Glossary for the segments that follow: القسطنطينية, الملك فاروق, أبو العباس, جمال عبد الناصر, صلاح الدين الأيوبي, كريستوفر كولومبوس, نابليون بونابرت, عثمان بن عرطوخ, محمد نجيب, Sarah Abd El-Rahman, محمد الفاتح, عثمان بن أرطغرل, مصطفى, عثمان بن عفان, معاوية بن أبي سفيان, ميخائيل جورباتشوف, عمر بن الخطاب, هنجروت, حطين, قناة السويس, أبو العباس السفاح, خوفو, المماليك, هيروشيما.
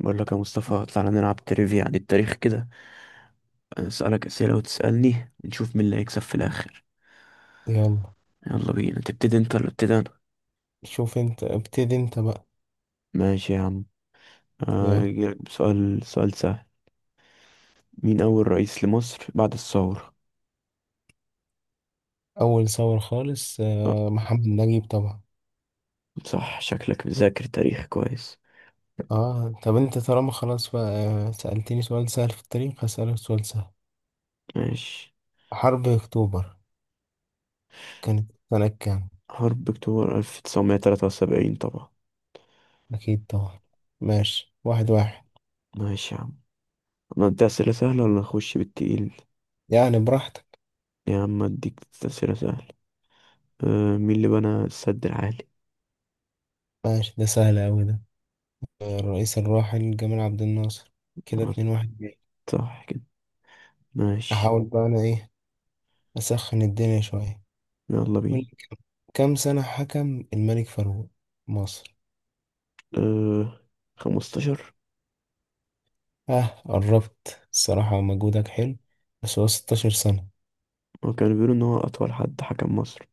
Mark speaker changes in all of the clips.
Speaker 1: بقول لك يا مصطفى تعالى نلعب تريفيا عن التاريخ كده. أنا اسألك أسئلة وتسألني نشوف مين اللي هيكسب في الآخر.
Speaker 2: يلا.
Speaker 1: يلا بينا، تبتدي انت ولا ابتدي انا؟
Speaker 2: شوف انت ابتدي انت بقى.
Speaker 1: ماشي يا عم،
Speaker 2: يلا.
Speaker 1: هجيلك بسؤال، سؤال سهل. مين أول رئيس لمصر بعد الثورة؟
Speaker 2: اول صور خالص،
Speaker 1: آه،
Speaker 2: محمد نجيب طبعا.
Speaker 1: صح، شكلك مذاكر تاريخ كويس.
Speaker 2: اه، طب انت طالما خلاص بقى. سألتني سؤال سهل في التاريخ، هسألك سؤال سهل.
Speaker 1: ماشي،
Speaker 2: حرب اكتوبر كانت سنة كام؟
Speaker 1: حرب أكتوبر 1973 طبعا.
Speaker 2: اكيد طبعا. ماشي 1-1
Speaker 1: ماشي يا عم، ندي أسئلة سهلة ولا نخش بالتقيل؟
Speaker 2: يعني براحتك.
Speaker 1: يا عم أديك أسئلة سهلة. مين اللي بنى السد العالي؟
Speaker 2: ماشي، ده سهل اوي ده. الرئيس الراحل جمال عبد الناصر. كده
Speaker 1: آه،
Speaker 2: 2-1 ليه.
Speaker 1: صح كده. ماشي.
Speaker 2: احاول بقى انا ايه، اسخن الدنيا شوية.
Speaker 1: يلا
Speaker 2: قول
Speaker 1: بينا.
Speaker 2: لي، كم سنة حكم الملك فاروق مصر؟
Speaker 1: أه 15.
Speaker 2: اه، قربت الصراحة، مجهودك حلو، بس هو 16 سنة.
Speaker 1: وكانوا بيقولوا إن هو أطول حد حكم مصر.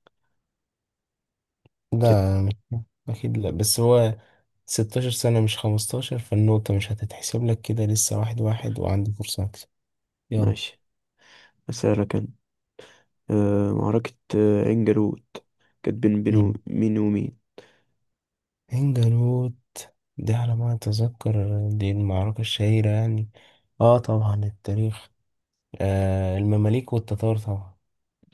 Speaker 1: ست.
Speaker 2: لا، أكيد لا، بس هو 16 سنة مش 15، فالنقطة مش هتتحسب لك كده، لسه 1-1 وعندي فرصة أكسب. يلا.
Speaker 1: ماشي، أسألك أنا. معركة عين جالوت كانت بين
Speaker 2: مم.
Speaker 1: مين ومين؟
Speaker 2: هنجروت، دي على ما أتذكر دي المعركة الشهيرة يعني. اه طبعا التاريخ، المماليك والتتار طبعا.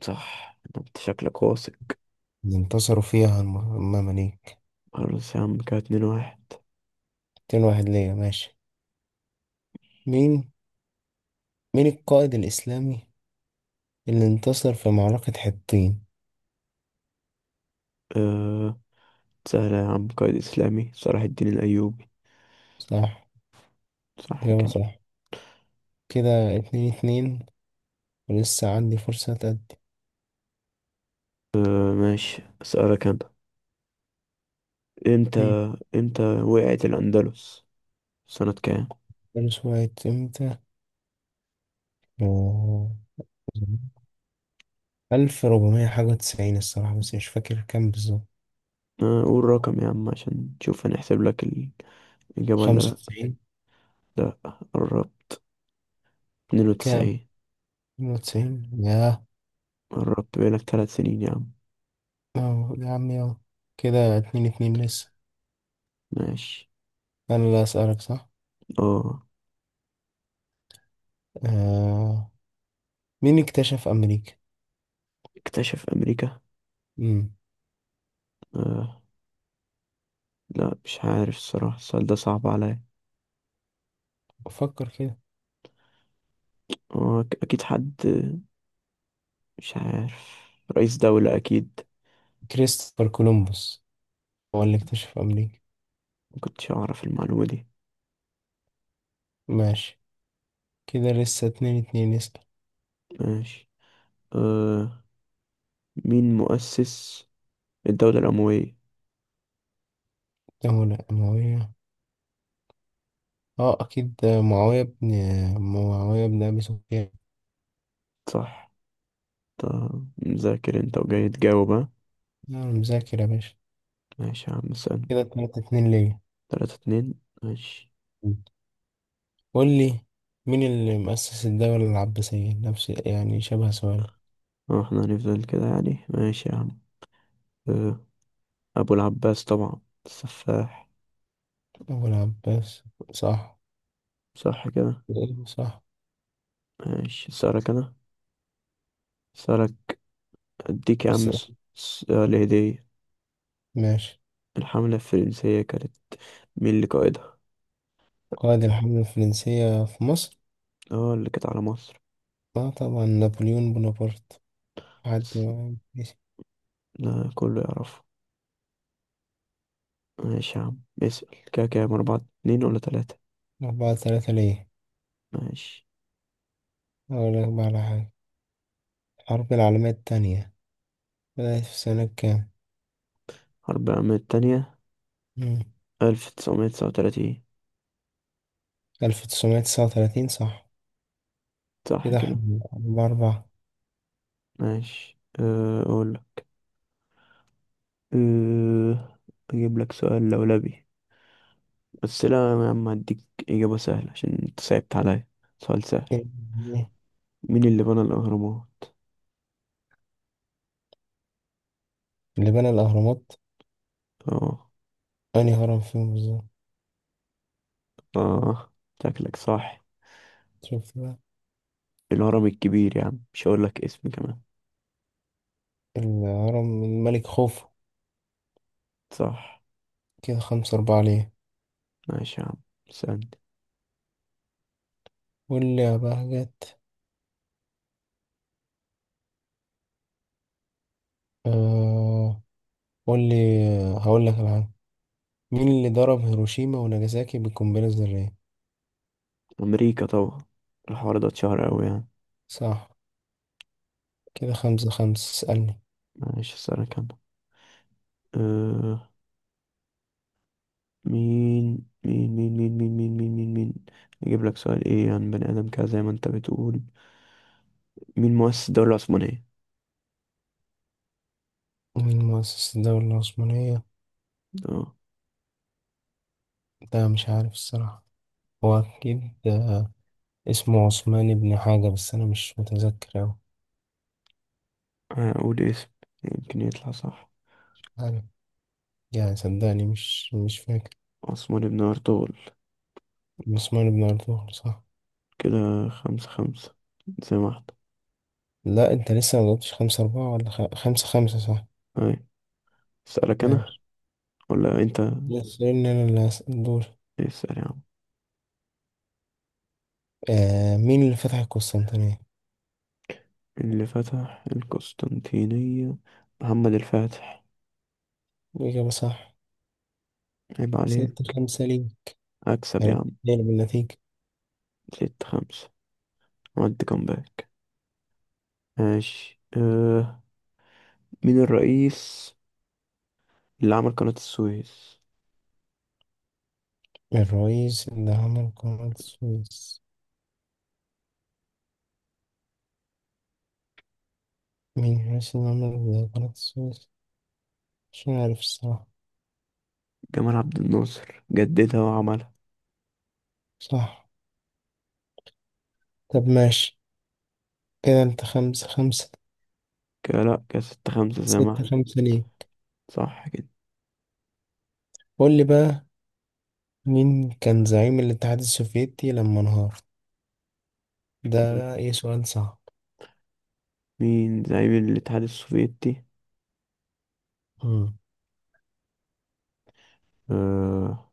Speaker 1: صح، أنت شكلك واثق.
Speaker 2: انتصروا فيها المماليك.
Speaker 1: خلاص يا عم، كده اتنين واحد.
Speaker 2: 2 واحد ليا، ماشي. مين مين القائد الإسلامي اللي انتصر في معركة حطين؟
Speaker 1: أه، سهلة يا عم، قائد إسلامي، صلاح الدين الأيوبي.
Speaker 2: صح،
Speaker 1: صح
Speaker 2: إجابة
Speaker 1: كده.
Speaker 2: صح. كده 2-2، ولسه عندي فرصة تأدي.
Speaker 1: أه ماشي، أسألك أنا. إمتى
Speaker 2: مم.
Speaker 1: إمتى وقعت الأندلس، سنة كام؟
Speaker 2: فارس وقعت امتى؟ أوه. ألف ربعمية حاجة وتسعين الصراحة، بس مش فاكر كام بالظبط.
Speaker 1: آه، قول رقم يا عم عشان تشوف هنحسب لك الإجابة ولا
Speaker 2: خمسة
Speaker 1: لأ.
Speaker 2: وتسعين.
Speaker 1: لا، قربت. اتنين
Speaker 2: كام؟
Speaker 1: وتسعين
Speaker 2: خمسة وتسعين يا...
Speaker 1: قربت، بقالك 3 سنين يا عم.
Speaker 2: أهو، يا عمي أهو. كده 2-2 لسه.
Speaker 1: ماشي.
Speaker 2: أنا اللي أسألك صح؟
Speaker 1: اه،
Speaker 2: آه. مين اكتشف أمريكا؟
Speaker 1: اكتشف أمريكا؟
Speaker 2: مم.
Speaker 1: آه، لا مش عارف الصراحة، السؤال ده صعب عليا.
Speaker 2: فكر كده.
Speaker 1: آه. أكيد حد، مش عارف، رئيس دولة أكيد.
Speaker 2: كريستوفر كولومبوس هو اللي اكتشف أمريكا.
Speaker 1: مكنتش أعرف المعلومة دي.
Speaker 2: ماشي، كده لسه 2-2. اسأل.
Speaker 1: ماشي. آه، مين مؤسس الدولة الأموية؟
Speaker 2: ده ولا معاوية؟ اه اكيد، معاوية بن معاوية بن ابي سفيان.
Speaker 1: صح. طب مذاكر انت وجاي تجاوب ها؟
Speaker 2: انا مذاكر يا باشا.
Speaker 1: ماشي يا عم، سأل.
Speaker 2: كده 3-2 ليا.
Speaker 1: تلاتة اتنين. ماشي.
Speaker 2: قول لي، مين اللي مؤسس الدولة العباسية؟ نفس يعني شبه سؤال.
Speaker 1: اه احنا هنفضل كده يعني، ماشي يا عم. آه، أبو العباس طبعا، السفاح.
Speaker 2: أبو العباس. صح.
Speaker 1: صح كده.
Speaker 2: صح
Speaker 1: ماشي، سألك أنا، سألك. أديك يا
Speaker 2: بس
Speaker 1: عم سؤال هدية.
Speaker 2: ماشي.
Speaker 1: الحملة الفرنسية كانت، مين اللي قائدها؟
Speaker 2: قائد الحملة الفرنسية في مصر.
Speaker 1: اه، اللي كانت على مصر.
Speaker 2: اه طبعا نابليون بونابرت. حد
Speaker 1: بس
Speaker 2: ماشي.
Speaker 1: لا، كله يعرفه. ماشي يا عم، اسأل. كده كام، أربعة اتنين ولا تلاتة؟
Speaker 2: 4-3 ليه.
Speaker 1: ماشي.
Speaker 2: أقول لك بقى على حاجة، الحرب العالمية التانية بدأت في سنة كام؟
Speaker 1: حرب العالمية التانية،
Speaker 2: مم.
Speaker 1: 1939.
Speaker 2: 1939، صح.
Speaker 1: صح
Speaker 2: كده
Speaker 1: كده.
Speaker 2: احنا بأربع...
Speaker 1: ماشي، أه، أقول، أه، أجيب لك سؤال لولبي. بس لا يا عم، هديك إجابة سهلة عشان أنت صعبت عليا. سؤال سهل،
Speaker 2: إيه؟
Speaker 1: مين اللي بنى الأهرامات؟
Speaker 2: اللي بنى الأهرامات،
Speaker 1: آه.
Speaker 2: أنهي هرم فيهم بالظبط؟
Speaker 1: آه، شكلك صح.
Speaker 2: شوف بقى.
Speaker 1: الهرم الكبير يا عم، مش هقولك اسم كمان.
Speaker 2: الهرم الملك خوفو.
Speaker 1: صح.
Speaker 2: كده 5-4 ليه.
Speaker 1: ماشي يا عم، سألني.
Speaker 2: قول لي يا بهجت. آه. قول لي، هقول لك على حاجة. مين اللي ضرب هيروشيما وناجازاكي بالقنبلة الذرية؟
Speaker 1: أمريكا طبعا، الحوار ده اتشهر أوي يعني.
Speaker 2: صح. كده 5-5. اسألني.
Speaker 1: ماشي، أسألك أنا. آه. مين مين مين مين مين مين مين مين مين أجيب لك سؤال إيه عن بني آدم كده زي ما أنت بتقول. مين مؤسس الدولة العثمانية؟
Speaker 2: مين مؤسس الدولة العثمانية؟
Speaker 1: آه.
Speaker 2: ده مش عارف الصراحة. هو أكيد، آه، اسمه عثمان بن حاجة، بس أنا مش متذكر أوي.
Speaker 1: هقول اسم، يمكن يطلع صح.
Speaker 2: حاجة يعني، صدقني مش فاكر.
Speaker 1: عثمان بن أرطغرل.
Speaker 2: عثمان بن عرطوخ، صح.
Speaker 1: كده خمسة خمسة زي ما احنا.
Speaker 2: لا أنت لسه مجبتش 5-4 ولا خمسة خمسة، صح.
Speaker 1: أي، أسألك أنا
Speaker 2: ماشي،
Speaker 1: ولا أنت؟
Speaker 2: لسه إن أنا اللي هسأل دول.
Speaker 1: اسأل يا عم.
Speaker 2: مين اللي فتح القسطنطينية؟
Speaker 1: اللي فتح القسطنطينية، محمد الفاتح.
Speaker 2: الإجابة صح.
Speaker 1: عيب عليه.
Speaker 2: 6-5 ليه.
Speaker 1: أكسب يا
Speaker 2: عرفت
Speaker 1: عم.
Speaker 2: اتنين بالنتيجة.
Speaker 1: ستة خمسة، عملت كومباك. ماشي. أه، مين الرئيس اللي عمل قناة السويس؟
Speaker 2: الرئيس اللي عمل قناة السويس. مين الرئيس اللي عمل قناة السويس؟ مش عارف الصراحة.
Speaker 1: جمال عبد الناصر جددها وعملها.
Speaker 2: صح، طب ماشي. كده انت 5-5.
Speaker 1: كده لأ، كده ستة خمسة زي ما
Speaker 2: ستة
Speaker 1: احنا.
Speaker 2: خمسة ليه.
Speaker 1: صح كده.
Speaker 2: قول لي بقى، مين كان زعيم الاتحاد السوفيتي لما انهار؟ ده ايه سؤال صعب.
Speaker 1: مين زعيم الاتحاد السوفيتي؟
Speaker 2: امم
Speaker 1: أه،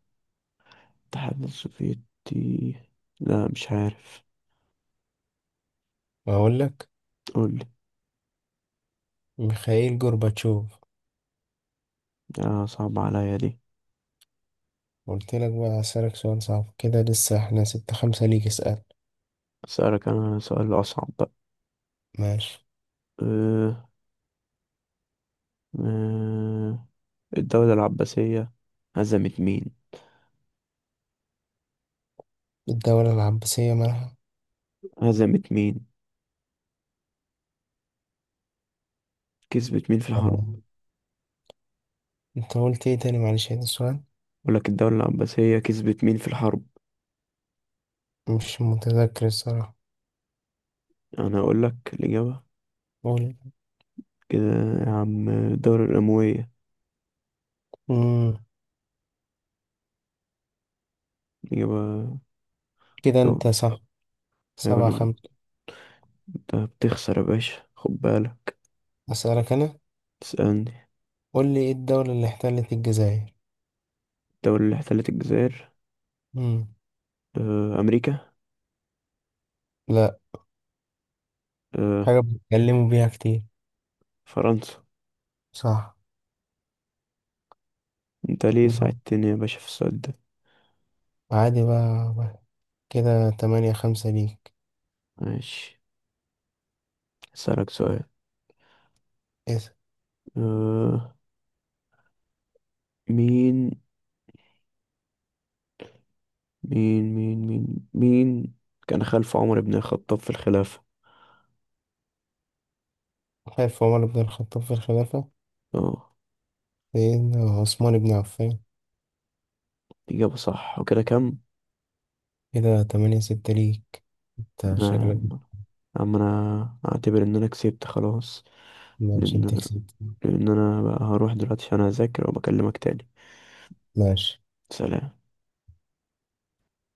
Speaker 1: الاتحاد السوفيتي، لا مش عارف.
Speaker 2: اقول لك.
Speaker 1: قولي.
Speaker 2: ميخائيل جورباتشوف.
Speaker 1: آه، صعب عليا دي.
Speaker 2: قلت لك بقى، هسألك سؤال صعب كده. لسه احنا 6-5 ليك. اسأل.
Speaker 1: أسألك أنا سؤال أصعب بقى.
Speaker 2: ماشي.
Speaker 1: أه. أه، الدولة العباسية هزمت مين؟
Speaker 2: الدولة العباسية مالها؟
Speaker 1: هزمت مين؟ كسبت مين في الحرب؟
Speaker 2: آه. انت قلت ايه تاني؟ معلش هذا السؤال.
Speaker 1: أقولك، الدولة العباسية كسبت مين في الحرب؟
Speaker 2: مش متذكر الصراحة.
Speaker 1: أنا أقولك الإجابة.
Speaker 2: قول.
Speaker 1: كده يا عم، الدولة الأموية
Speaker 2: امم
Speaker 1: الإجابة.
Speaker 2: كده
Speaker 1: كو،
Speaker 2: انت صح.
Speaker 1: أيوة
Speaker 2: سبعة
Speaker 1: أنا
Speaker 2: خمسة
Speaker 1: جبت. أنت بتخسر يا باشا، خد بالك.
Speaker 2: اسألك انا.
Speaker 1: تسألني.
Speaker 2: قول لي، ايه الدولة اللي احتلت الجزائر؟
Speaker 1: الدولة اللي احتلت الجزائر؟
Speaker 2: امم
Speaker 1: أه، أمريكا.
Speaker 2: لا،
Speaker 1: أه.
Speaker 2: حاجة بيتكلموا بيها كتير.
Speaker 1: فرنسا.
Speaker 2: صح.
Speaker 1: انت ليه
Speaker 2: لو
Speaker 1: ساعدتني يا باشا في السؤال ده؟
Speaker 2: عادي بقى بقى. كده 8-5 ليك.
Speaker 1: ماشي، هسألك سؤال.
Speaker 2: اسأل.
Speaker 1: أه. مين مين كان خلف عمر بن الخطاب في الخلافة؟
Speaker 2: خلف عمر بن الخطاب في الخلافة.
Speaker 1: اه.
Speaker 2: سيدنا عثمان بن عفان.
Speaker 1: إجابة صح، وكده كم؟
Speaker 2: كده 8-6 ليك. انت شكلك...
Speaker 1: نعم. عم، أنا أعتبر إن أنا كسبت خلاص.
Speaker 2: مش
Speaker 1: لأن
Speaker 2: انت
Speaker 1: أنا
Speaker 2: كسبت.
Speaker 1: لأن أنا بقى هروح دلوقتي عشان أذاكر وبكلمك تاني.
Speaker 2: ماشي.
Speaker 1: سلام.